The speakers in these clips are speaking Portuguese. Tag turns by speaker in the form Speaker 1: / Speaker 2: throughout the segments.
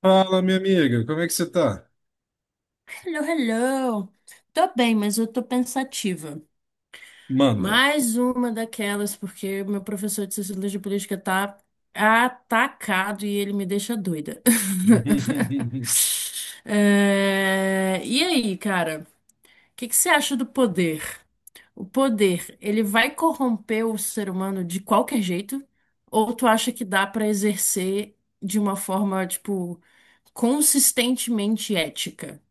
Speaker 1: Fala, minha amiga, como é que você tá?
Speaker 2: Hello, hello. Tô bem, mas eu tô pensativa.
Speaker 1: Manda.
Speaker 2: Mais uma daquelas, porque meu professor de Sociologia Política tá atacado e ele me deixa doida. É, e aí, cara, o que que você acha do poder? O poder, ele vai corromper o ser humano de qualquer jeito? Ou tu acha que dá pra exercer de uma forma, tipo, consistentemente ética?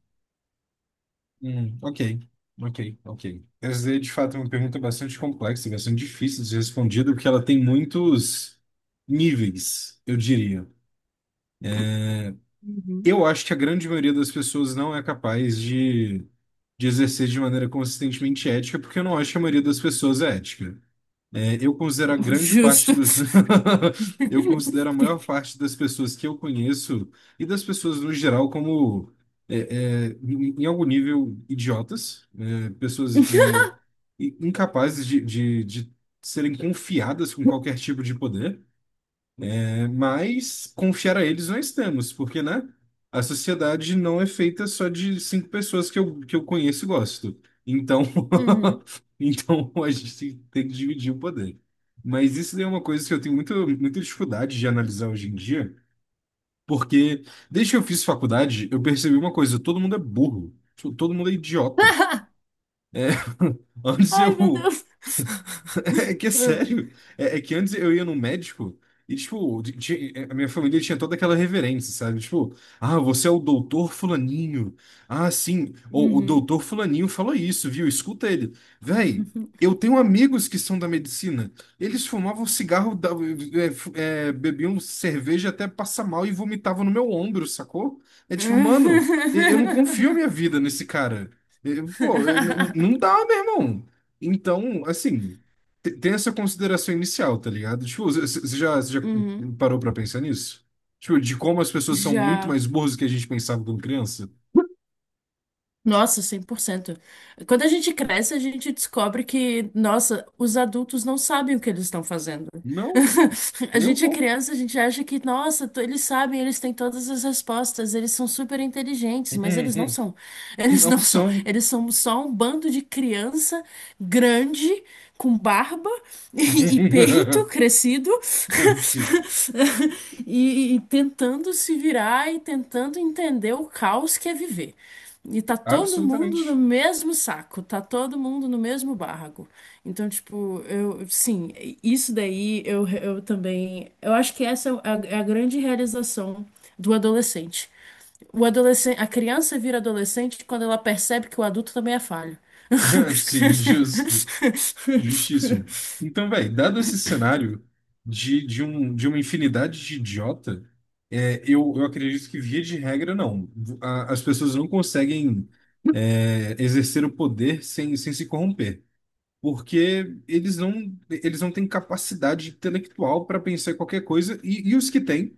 Speaker 1: Hum, ok, ok. Essa é de fato uma pergunta bastante complexa, e bastante difícil de ser respondida, porque ela tem muitos níveis, eu diria.
Speaker 2: Uhum.
Speaker 1: Eu acho que a grande maioria das pessoas não é capaz de exercer de maneira consistentemente ética, porque eu não acho que a maioria das pessoas é ética. Eu considero a grande parte
Speaker 2: Justo.
Speaker 1: do. Eu considero a maior parte das pessoas que eu conheço e das pessoas no geral como, em algum nível, idiotas, pessoas, incapazes de serem confiadas com qualquer tipo de poder. Mas confiar a eles não estamos, porque, né? A sociedade não é feita só de cinco pessoas que eu conheço e gosto. Então,
Speaker 2: Uhum.
Speaker 1: então a gente tem que dividir o poder. Mas isso daí é uma coisa que eu tenho muita dificuldade de analisar hoje em dia, porque desde que eu fiz faculdade, eu percebi uma coisa: todo mundo é burro, tipo, todo mundo é idiota. É, antes
Speaker 2: Ai, meu
Speaker 1: eu,
Speaker 2: Deus.
Speaker 1: é que é sério. É que antes eu ia no médico e, tipo, a minha família tinha toda aquela reverência, sabe? Tipo, ah, você é o doutor fulaninho. Ah, sim, o
Speaker 2: Uhum.
Speaker 1: doutor fulaninho falou isso, viu? Escuta ele. Véi, eu tenho amigos que são da medicina. Eles fumavam cigarro, bebiam cerveja até passar mal e vomitavam no meu ombro, sacou? É tipo, mano, eu não confio a minha vida nesse cara. Eu- pô, eu- n- n- Não dá, meu irmão. Então, assim tem essa consideração inicial, tá ligado? Tipo, você já
Speaker 2: Uhum.
Speaker 1: parou pra pensar nisso? Tipo, de como as pessoas são muito
Speaker 2: Já.
Speaker 1: mais burras do que a gente pensava quando criança?
Speaker 2: Nossa, 100%. Quando a gente cresce, a gente descobre que, nossa, os adultos não sabem o que eles estão fazendo.
Speaker 1: Não,
Speaker 2: A
Speaker 1: nem um
Speaker 2: gente é
Speaker 1: pouco.
Speaker 2: criança, a gente acha que, nossa, eles sabem, eles têm todas as respostas, eles são super inteligentes, mas eles não são. Eles
Speaker 1: Não
Speaker 2: não são.
Speaker 1: são.
Speaker 2: Eles são só um bando de criança grande, com barba e peito crescido,
Speaker 1: Sim,
Speaker 2: e tentando se virar e tentando entender o caos que é viver. E tá todo mundo no
Speaker 1: absolutamente.
Speaker 2: mesmo saco, tá todo mundo no mesmo barraco. Então, tipo, eu, sim, isso daí eu também. Eu acho que essa é a grande realização do adolescente. O adolescente, a criança vira adolescente quando ela percebe que o adulto também é falho.
Speaker 1: Sim, justo. Justíssimo. Então, velho, dado esse cenário de uma infinidade de idiota, eu acredito que, via de regra, não. A- as pessoas não conseguem, é, exercer o poder sem se corromper porque eles não têm capacidade intelectual para pensar em qualquer coisa e os que têm,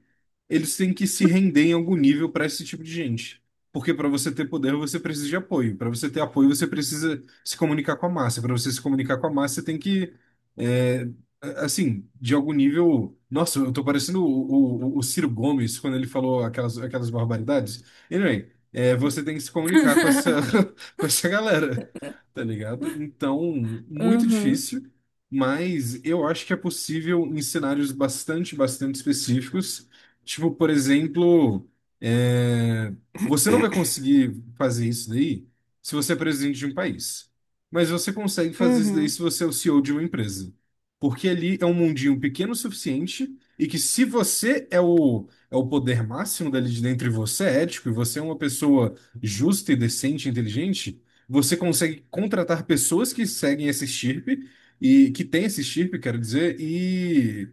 Speaker 1: eles têm que se render em algum nível para esse tipo de gente. Porque para você ter poder, você precisa de apoio. Para você ter apoio, você precisa se comunicar com a massa. Para você se comunicar com a massa, você tem que, é, assim, de algum nível. Nossa, eu tô parecendo o Ciro Gomes quando ele falou aquelas barbaridades. Anyway, é, você tem que se comunicar com essa, com essa galera, tá ligado? Então, muito
Speaker 2: Uhum.
Speaker 1: difícil, mas eu acho que é possível em cenários bastante específicos. Tipo, por exemplo, é, você não vai conseguir fazer isso daí se você é presidente de um país, mas você consegue fazer isso daí se
Speaker 2: Uhum,
Speaker 1: você é o CEO de uma empresa. Porque ali é um mundinho pequeno o suficiente e que se você é o poder máximo dali de dentro e você é ético e você é uma pessoa justa e decente, e inteligente, você consegue contratar pessoas que seguem esse estirpe e que tem esse estirpe, quero dizer,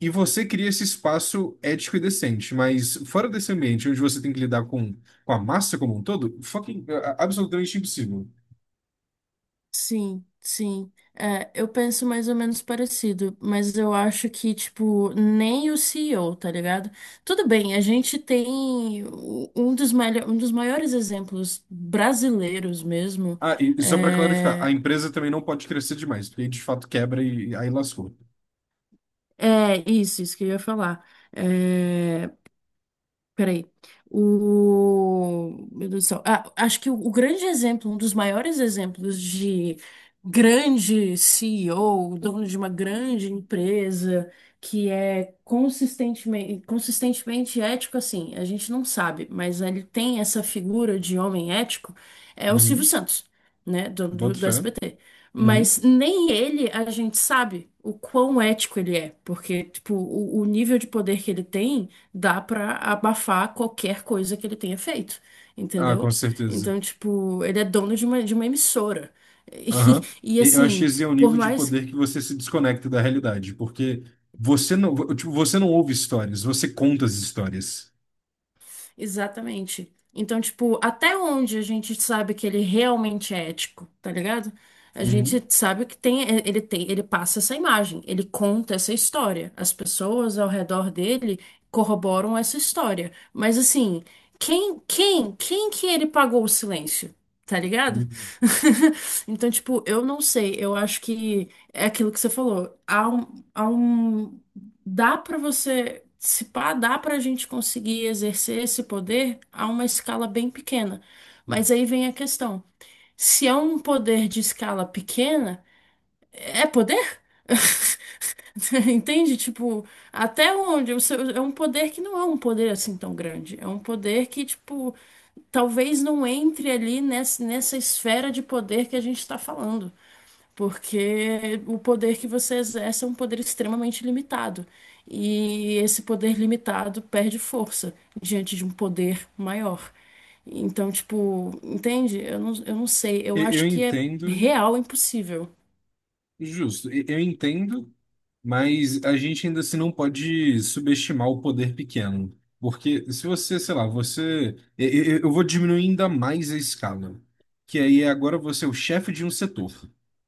Speaker 1: e você cria esse espaço ético e decente. Mas fora desse ambiente onde você tem que lidar com a massa como um todo, fucking, é, é absolutamente impossível.
Speaker 2: sim, sim. É, eu penso mais ou menos parecido, mas eu acho que, tipo, nem o CEO, tá ligado? Tudo bem, a gente tem um dos, um dos maiores exemplos brasileiros mesmo.
Speaker 1: Ah, e só para clarificar, a
Speaker 2: É,
Speaker 1: empresa também não pode crescer demais, porque aí de fato quebra e aí lascou.
Speaker 2: é isso, isso que eu ia falar. É, peraí. Meu Deus do céu. Ah, acho que o grande exemplo, um dos maiores exemplos de grande CEO, dono de uma grande empresa, que é consistentemente, consistentemente ético, assim, a gente não sabe, mas ele tem essa figura de homem ético, é o Silvio
Speaker 1: Uhum.
Speaker 2: Santos, né, do, do,
Speaker 1: Boto
Speaker 2: do
Speaker 1: fé.
Speaker 2: SBT.
Speaker 1: Uhum.
Speaker 2: Mas nem ele a gente sabe o quão ético ele é, porque, tipo, o nível de poder que ele tem dá pra abafar qualquer coisa que ele tenha feito,
Speaker 1: Ah, com
Speaker 2: entendeu?
Speaker 1: certeza.
Speaker 2: Então, tipo, ele é dono de uma emissora. E,
Speaker 1: Aham.
Speaker 2: e,
Speaker 1: E eu acho que
Speaker 2: assim,
Speaker 1: esse é o
Speaker 2: por
Speaker 1: nível de
Speaker 2: mais.
Speaker 1: poder que você se desconecta da realidade, porque você não, tipo, você não ouve histórias, você conta as histórias.
Speaker 2: Exatamente. Então, tipo, até onde a gente sabe que ele realmente é ético, tá ligado? A
Speaker 1: Uhum.
Speaker 2: gente sabe que tem, é, ele tem, ele passa essa imagem, ele conta essa história. As pessoas ao redor dele corroboram essa história. Mas assim, quem que ele pagou o silêncio? Tá ligado?
Speaker 1: Uhum.
Speaker 2: Então, tipo, eu não sei. Eu acho que é aquilo que você falou. Há um dá para você, se pá, dá para a gente conseguir exercer esse poder a uma escala bem pequena. Mas aí vem a questão: se é um poder de escala pequena, é poder? Entende? Tipo, até onde? É um poder que não é um poder assim tão grande. É um poder que, tipo, talvez não entre ali nessa esfera de poder que a gente está falando. Porque o poder que você exerce é um poder extremamente limitado. E esse poder limitado perde força diante de um poder maior. Então, tipo, entende? Eu não sei. Eu
Speaker 1: E- eu
Speaker 2: acho que é
Speaker 1: entendo,
Speaker 2: real impossível.
Speaker 1: justo, e- eu entendo, mas a gente ainda assim não pode subestimar o poder pequeno. Porque se você, sei lá, você. Eu vou diminuir ainda mais a escala. Que aí é agora você é o chefe de um setor.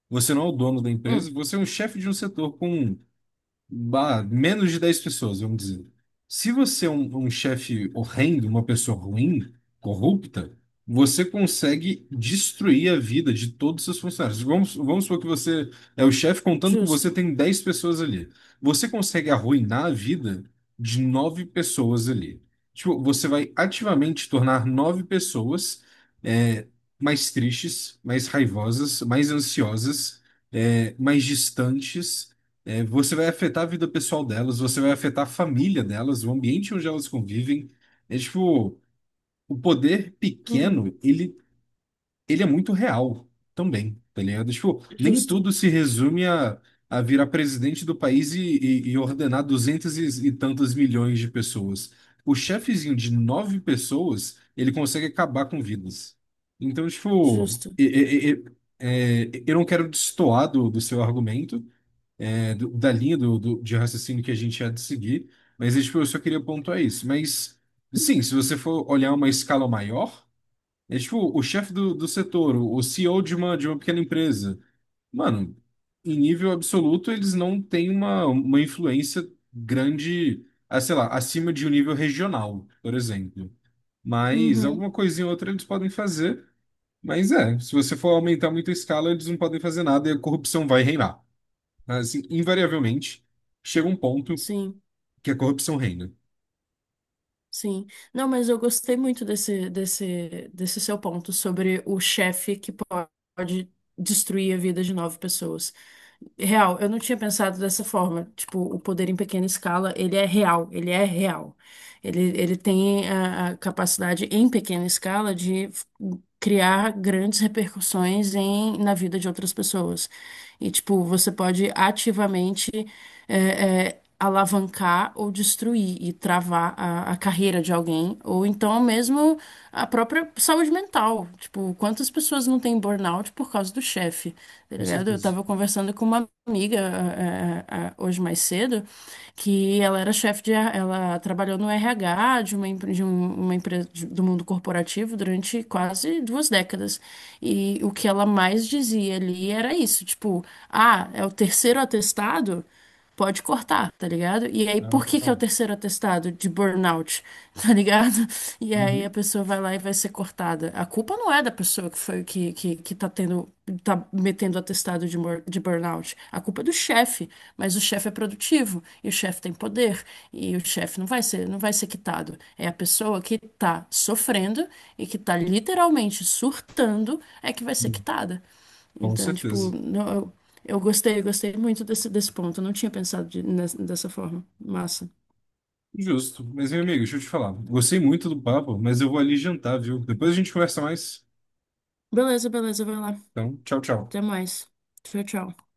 Speaker 1: Você não é o dono da empresa,
Speaker 2: Hum,
Speaker 1: você é o chefe de um setor com bah, menos de 10 pessoas, vamos dizer. Se você é um chefe horrendo, uma pessoa ruim, corrupta, você consegue destruir a vida de todos os seus funcionários. Vamos supor que você é o chefe, contando com você,
Speaker 2: justo.
Speaker 1: tem 10 pessoas ali. Você consegue arruinar a vida de nove pessoas ali. Tipo, você vai ativamente tornar nove pessoas é, mais tristes, mais raivosas, mais ansiosas, é, mais distantes é, você vai afetar a vida pessoal delas, você vai afetar a família delas, o ambiente onde elas convivem. É tipo, o poder
Speaker 2: Uhum.
Speaker 1: pequeno, ele é muito real também, tá ligado? Tipo, nem
Speaker 2: Justo,
Speaker 1: tudo se resume a virar presidente do país e, e ordenar duzentos e tantos milhões de pessoas. O chefezinho de nove pessoas, ele consegue acabar com vidas. Então, tipo,
Speaker 2: justo.
Speaker 1: é, eu não quero destoar do, do seu argumento, é, da linha do, de raciocínio que a gente há de seguir, mas é, tipo, eu só queria pontuar isso. Mas, sim, se você for olhar uma escala maior, é tipo o chefe do, do setor, o CEO de uma pequena empresa. Mano, em nível absoluto, eles não têm uma influência grande, ah, sei lá, acima de um nível regional, por exemplo. Mas
Speaker 2: Uhum.
Speaker 1: alguma coisinha ou outra eles podem fazer. Mas é, se você for aumentar muito a escala, eles não podem fazer nada e a corrupção vai reinar. Assim, invariavelmente, chega um ponto
Speaker 2: Sim,
Speaker 1: que a corrupção reina.
Speaker 2: sim. Não, mas eu gostei muito desse seu ponto sobre o chefe que pode destruir a vida de nove pessoas. Real, eu não tinha pensado dessa forma. Tipo, o poder em pequena escala, ele é real, ele é real. Ele tem a capacidade em pequena escala de criar grandes repercussões em, na vida de outras pessoas. E, tipo, você pode ativamente alavancar ou destruir e travar a carreira de alguém, ou então mesmo a própria saúde mental. Tipo, quantas pessoas não têm burnout por causa do chefe, tá
Speaker 1: Com
Speaker 2: ligado? Eu
Speaker 1: certeza.
Speaker 2: tava conversando com uma amiga hoje mais cedo, que ela era chefe de, R- ela trabalhou no RH de uma empresa do mundo corporativo durante quase duas décadas. E o que ela mais dizia ali era isso, tipo, ah, é o terceiro atestado? Pode cortar, tá ligado? E aí,
Speaker 1: Ah,
Speaker 2: por que que é o
Speaker 1: não.
Speaker 2: terceiro atestado de burnout, tá ligado? E aí a
Speaker 1: Uhum.
Speaker 2: pessoa vai lá e vai ser cortada. A culpa não é da pessoa que foi que tá tendo, tá metendo atestado de burnout. A culpa é do chefe, mas o chefe é produtivo e o chefe tem poder e o chefe não vai ser quitado. É a pessoa que tá sofrendo e que tá literalmente surtando é que vai ser
Speaker 1: Uhum.
Speaker 2: quitada.
Speaker 1: Com
Speaker 2: Então, tipo,
Speaker 1: certeza.
Speaker 2: não, eu gostei muito desse ponto. Eu não tinha pensado dessa forma. Massa.
Speaker 1: Justo. Mas, meu amigo, deixa eu te falar. Gostei muito do papo, mas eu vou ali jantar, viu? Depois a gente conversa mais.
Speaker 2: Beleza, beleza, vai lá.
Speaker 1: Então, tchau, tchau.
Speaker 2: Até mais. Tchau, tchau.